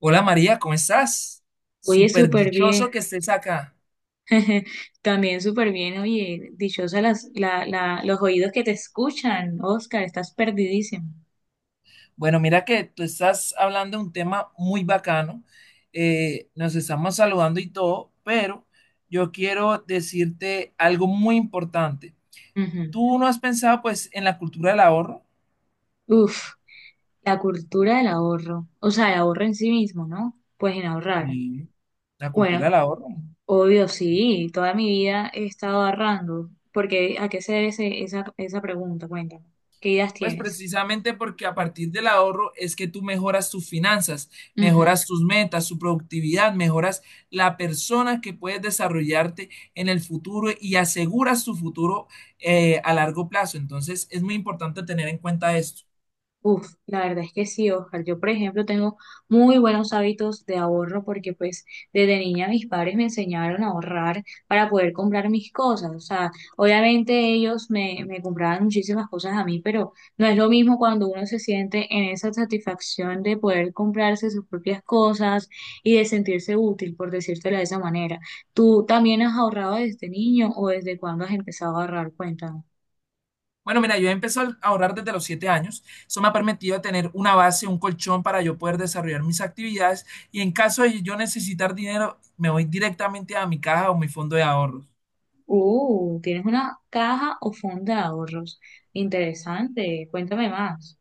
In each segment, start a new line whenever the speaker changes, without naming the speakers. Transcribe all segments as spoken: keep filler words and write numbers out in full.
Hola María, ¿cómo estás?
Oye,
Súper
súper bien.
dichoso que estés acá.
También súper bien. Oye, dichosa las, la, la, los oídos que te escuchan, Oscar, estás perdidísimo.
Bueno, mira que tú estás hablando de un tema muy bacano. Eh, nos estamos saludando y todo, pero yo quiero decirte algo muy importante. ¿Tú no has pensado pues en la cultura del ahorro?
Ujú. Uf, la cultura del ahorro, o sea, el ahorro en sí mismo, ¿no? Pues en ahorrar.
Y la cultura del
Bueno,
ahorro.
obvio, sí, toda mi vida he estado ahorrando, porque ¿a qué se debe ese- esa, esa pregunta? Cuéntame, ¿qué ideas
Pues
tienes?
precisamente porque a partir del ahorro es que tú mejoras tus finanzas, mejoras tus metas, tu productividad, mejoras la persona que puedes desarrollarte en el futuro y aseguras tu futuro eh, a largo plazo. Entonces es muy importante tener en cuenta esto.
Uf, la verdad es que sí, Oscar. Yo, por ejemplo, tengo muy buenos hábitos de ahorro porque pues desde niña mis padres me enseñaron a ahorrar para poder comprar mis cosas. O sea, obviamente ellos me, me compraban muchísimas cosas a mí, pero no es lo mismo cuando uno se siente en esa satisfacción de poder comprarse sus propias cosas y de sentirse útil, por decírtelo de esa manera. ¿Tú también has ahorrado desde niño o desde cuándo has empezado a ahorrar? Cuéntame.
Bueno, mira, yo he empezado a ahorrar desde los siete años. Eso me ha permitido tener una base, un colchón para yo poder desarrollar mis actividades y en caso de yo necesitar dinero, me voy directamente a mi caja o mi fondo de ahorros.
Uh, tienes una caja o fondo de ahorros. Interesante. Cuéntame más.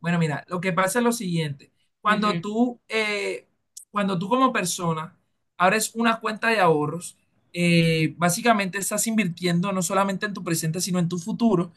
Bueno, mira, lo que pasa es lo siguiente. Cuando tú, eh, Cuando tú como persona abres una cuenta de ahorros, eh, básicamente estás invirtiendo no solamente en tu presente, sino en tu futuro.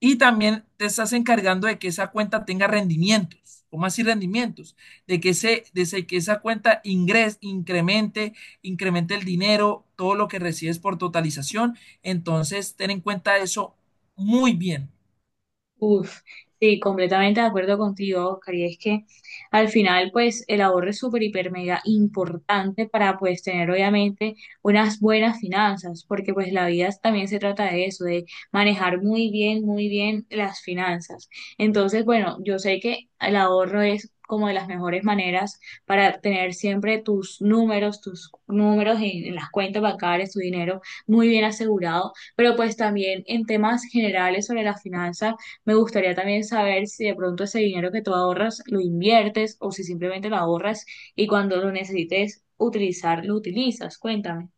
Y también te estás encargando de que esa cuenta tenga rendimientos. ¿Cómo así rendimientos? De que, ese, de ese- que esa cuenta ingres, incremente, Incremente el dinero, todo lo que recibes por totalización. Entonces, ten en cuenta eso muy bien.
Uf, sí, completamente de acuerdo contigo, Oscar. Y es que al final, pues, el ahorro es súper, hiper, mega importante para, pues, tener obviamente unas buenas finanzas, porque, pues, la vida también se trata de eso, de manejar muy bien, muy bien las finanzas. Entonces, bueno, yo sé que el ahorro es como de las mejores maneras para tener siempre tus números, tus números en, en las cuentas bancarias, tu dinero muy bien asegurado, pero pues también en temas generales sobre la finanza. Me gustaría también saber si de pronto ese dinero que tú ahorras lo inviertes o si simplemente lo ahorras y cuando lo necesites utilizar, lo utilizas. Cuéntame.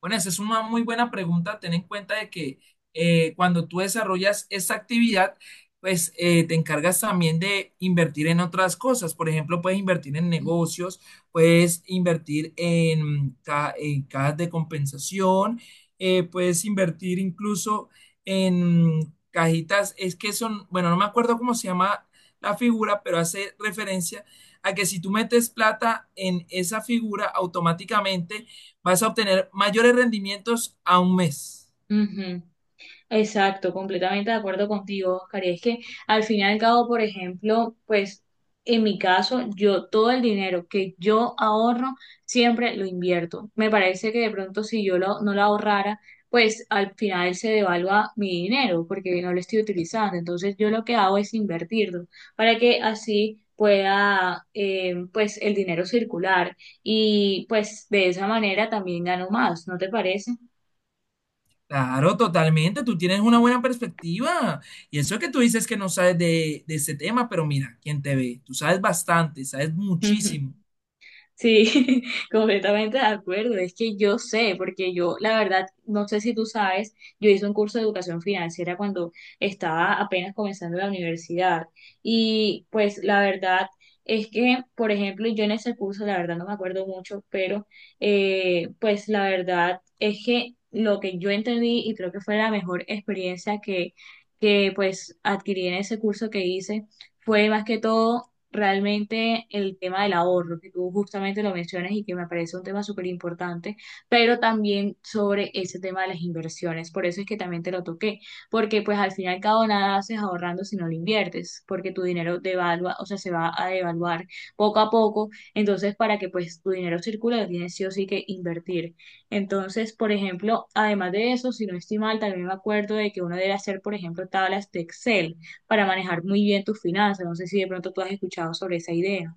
Bueno, esa es una muy buena pregunta. Ten en cuenta de que eh, Cuando tú desarrollas esta actividad, pues eh, te encargas también de invertir en otras cosas. Por ejemplo, puedes invertir en negocios, puedes invertir en, ca- en cajas de compensación, eh, puedes invertir incluso en cajitas. Es que son, bueno, no me acuerdo cómo se llama la figura, pero hace referencia a que si tú metes plata en esa figura, automáticamente vas a obtener mayores rendimientos a un mes.
Ujú. Exacto, completamente de acuerdo contigo, Oscar. Y es que al fin y al cabo, por ejemplo, pues en mi caso, yo todo el dinero que yo ahorro siempre lo invierto. Me parece que de pronto si yo lo- no lo ahorrara, pues al final se devalúa mi dinero porque no lo estoy utilizando. Entonces yo lo que hago es invertirlo para que así pueda eh, pues el dinero circular y pues de esa manera también gano más, ¿no te parece?
Claro, totalmente. Tú tienes una buena perspectiva. Y eso que tú dices que no sabes de, de ese tema, pero mira, quien te ve, tú sabes bastante, sabes muchísimo.
Sí, completamente de acuerdo. Es que yo sé, porque yo, la verdad, no sé si tú sabes, yo hice un curso de educación financiera cuando estaba apenas comenzando la universidad. Y pues la verdad es que, por ejemplo, yo en ese curso, la verdad no me acuerdo mucho, pero eh, pues la verdad es que lo que yo entendí y creo que fue la mejor experiencia que, que pues adquirí en ese curso que hice fue más que todo realmente el tema del ahorro, que tú justamente lo mencionas y que me parece un tema súper importante, pero también sobre ese tema de las inversiones. Por eso es que también te lo toqué, porque pues al final cada al cabo nada haces ahorrando si no lo inviertes, porque tu dinero devalúa, o sea, se va a devaluar poco a poco. Entonces, para que pues tu dinero circule, lo tienes sí o sí que invertir. Entonces, por ejemplo, además de eso, si no estoy mal, también me acuerdo de que uno debe hacer, por ejemplo, tablas de Excel para manejar muy bien tus finanzas. No sé si de pronto tú has escuchado sobre esa idea.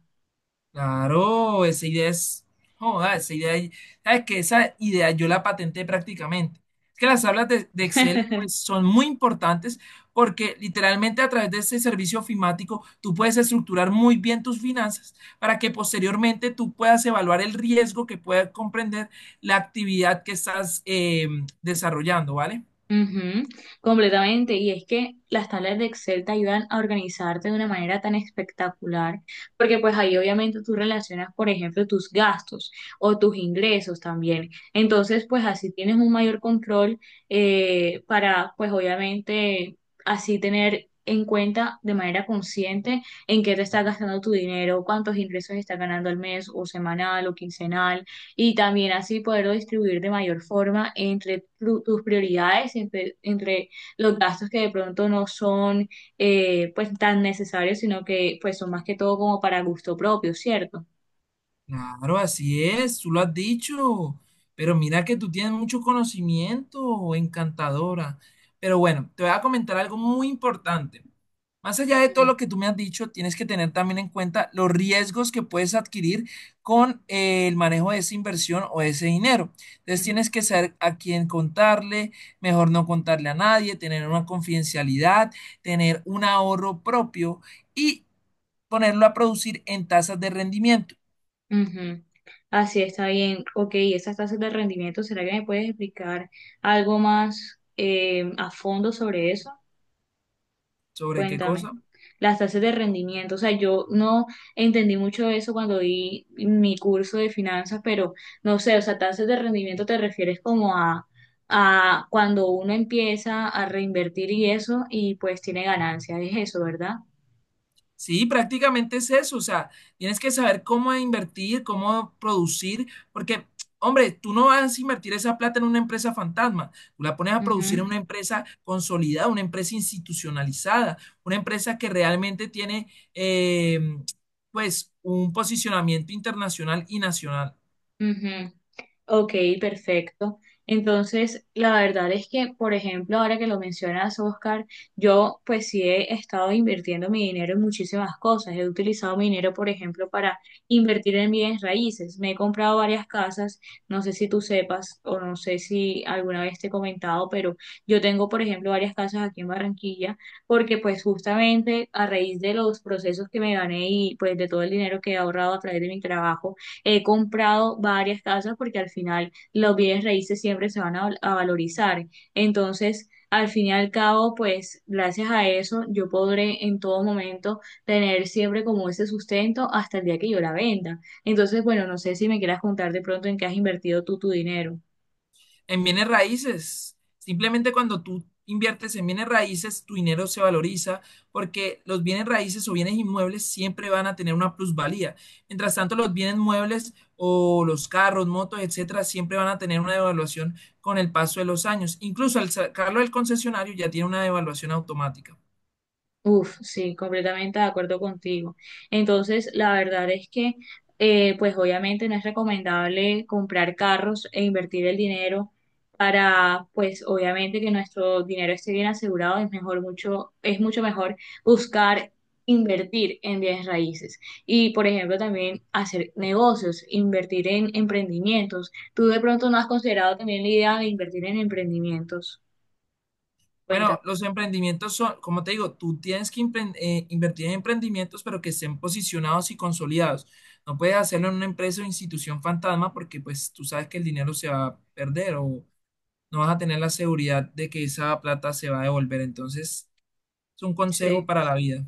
Claro, esa idea es, joda, esa idea, sabes que esa idea yo la patenté prácticamente. Es que las tablas de, de Excel pues son muy importantes porque literalmente a través de este servicio ofimático tú puedes estructurar muy bien tus finanzas para que posteriormente tú puedas evaluar el riesgo que pueda comprender la actividad que estás eh, desarrollando, ¿vale?
Ujú, completamente. Y es que las tablas de Excel te ayudan a organizarte de una manera tan espectacular, porque pues ahí obviamente tú relacionas, por ejemplo, tus gastos o tus ingresos también. Entonces, pues así tienes un mayor control eh, para, pues obviamente, así tener en cuenta de manera consciente en qué te está gastando tu dinero, cuántos ingresos estás ganando al mes o semanal o quincenal y también así poderlo distribuir de mayor forma entre tu- tus prioridades, entre, entre los gastos que de pronto no son eh, pues tan necesarios, sino que pues son más que todo como para gusto propio, ¿cierto?
Claro, así es, tú lo has dicho, pero mira que tú tienes mucho conocimiento, encantadora. Pero bueno, te voy a comentar algo muy importante. Más allá de todo
Ujú,
lo que tú me has dicho, tienes que tener también en cuenta los riesgos que puedes adquirir con eh, el manejo de esa inversión o ese dinero. Entonces
ujú,
tienes que saber a quién contarle, mejor no contarle a nadie, tener una confidencialidad, tener un ahorro propio y ponerlo a producir en tasas de rendimiento.
ujú. Así está bien. Ok, esas tasas de rendimiento, ¿será que me puedes explicar algo más eh, a fondo sobre eso?
¿Sobre qué
Cuéntame.
cosa?
Las tasas de rendimiento, o sea, yo no entendí mucho eso cuando vi mi curso de finanzas, pero no sé, o sea, tasas de rendimiento te refieres como a, a cuando uno empieza a reinvertir y eso, y pues tiene ganancias, es eso, ¿verdad?
Sí, prácticamente es eso, o sea, tienes que saber cómo invertir, cómo producir, porque, hombre, tú no vas a invertir esa plata en una empresa fantasma, tú la pones a producir en
Ujú,
una empresa consolidada, una empresa institucionalizada, una empresa que realmente tiene, eh, pues, un posicionamiento internacional y nacional.
ujú. Ok, perfecto. Entonces, la verdad es que, por ejemplo, ahora que lo mencionas, Oscar, yo pues sí he estado invirtiendo mi dinero en muchísimas cosas. He utilizado mi dinero, por ejemplo, para invertir en bienes raíces. Me he comprado varias casas, no sé si tú sepas o no sé si alguna vez te he comentado, pero yo tengo, por ejemplo, varias casas aquí en Barranquilla, porque pues justamente a raíz de los procesos que me gané y pues de todo el dinero que he ahorrado a través de mi trabajo, he comprado varias casas porque al final los bienes raíces siempre se van a, val- a valorizar. Entonces, al fin y al cabo, pues gracias a eso yo podré en todo momento tener siempre como ese sustento hasta el día que yo la venda. Entonces, bueno, no sé si me quieras contar de pronto en qué has invertido tú tu dinero.
En bienes raíces. Simplemente cuando tú inviertes en bienes raíces, tu dinero se valoriza porque los bienes raíces o bienes inmuebles siempre van a tener una plusvalía. Mientras tanto, los bienes muebles o los carros, motos, etcétera, siempre van a tener una devaluación con el paso de los años. Incluso al sacarlo del concesionario ya tiene una devaluación automática.
Uf, sí, completamente de acuerdo contigo. Entonces, la verdad es que, eh, pues obviamente no es recomendable comprar carros e invertir el dinero para, pues obviamente que nuestro dinero esté bien asegurado, es mejor mucho, es mucho mejor buscar invertir en bienes raíces y, por ejemplo, también hacer negocios, invertir en emprendimientos. ¿Tú de pronto no has considerado también la idea de invertir en emprendimientos? Cuéntame.
Bueno, los emprendimientos son, como te digo, tú tienes que impren- eh, invertir en emprendimientos, pero que estén posicionados y consolidados. No puedes hacerlo en una empresa o institución fantasma porque pues tú sabes que el dinero se va a perder o no vas a tener la seguridad de que esa plata se va a devolver. Entonces, es un consejo
Sí.
para la vida.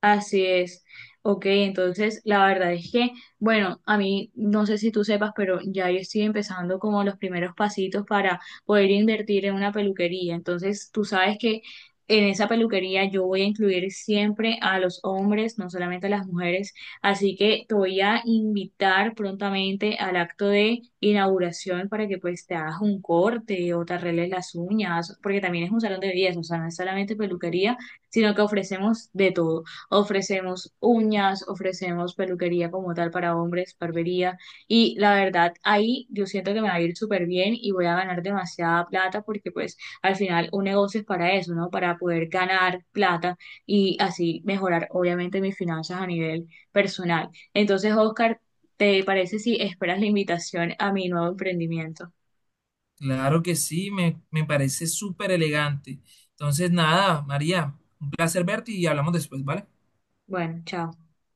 Así es. Ok, entonces la verdad es que, bueno, a mí no sé si tú sepas, pero ya yo estoy empezando como los primeros pasitos para poder invertir en una peluquería. Entonces tú sabes que en esa peluquería yo voy a incluir siempre a los hombres, no solamente a las mujeres. Así que te voy a invitar prontamente al acto de inauguración para que pues te hagas un corte o te arregles las uñas, porque también es un salón de belleza, o sea, no es solamente peluquería, sino que ofrecemos de todo. Ofrecemos uñas, ofrecemos peluquería como tal para hombres, barbería. Y la verdad, ahí yo siento que me va a ir súper bien y voy a ganar demasiada plata porque pues al final un negocio es para eso, ¿no? Para poder ganar plata y así mejorar obviamente mis finanzas a nivel personal. Entonces, Oscar, ¿te parece si esperas la invitación a mi nuevo emprendimiento?
Claro que sí, me, me parece súper elegante. Entonces, nada, María, un placer verte y hablamos después, ¿vale?
Bueno, chao.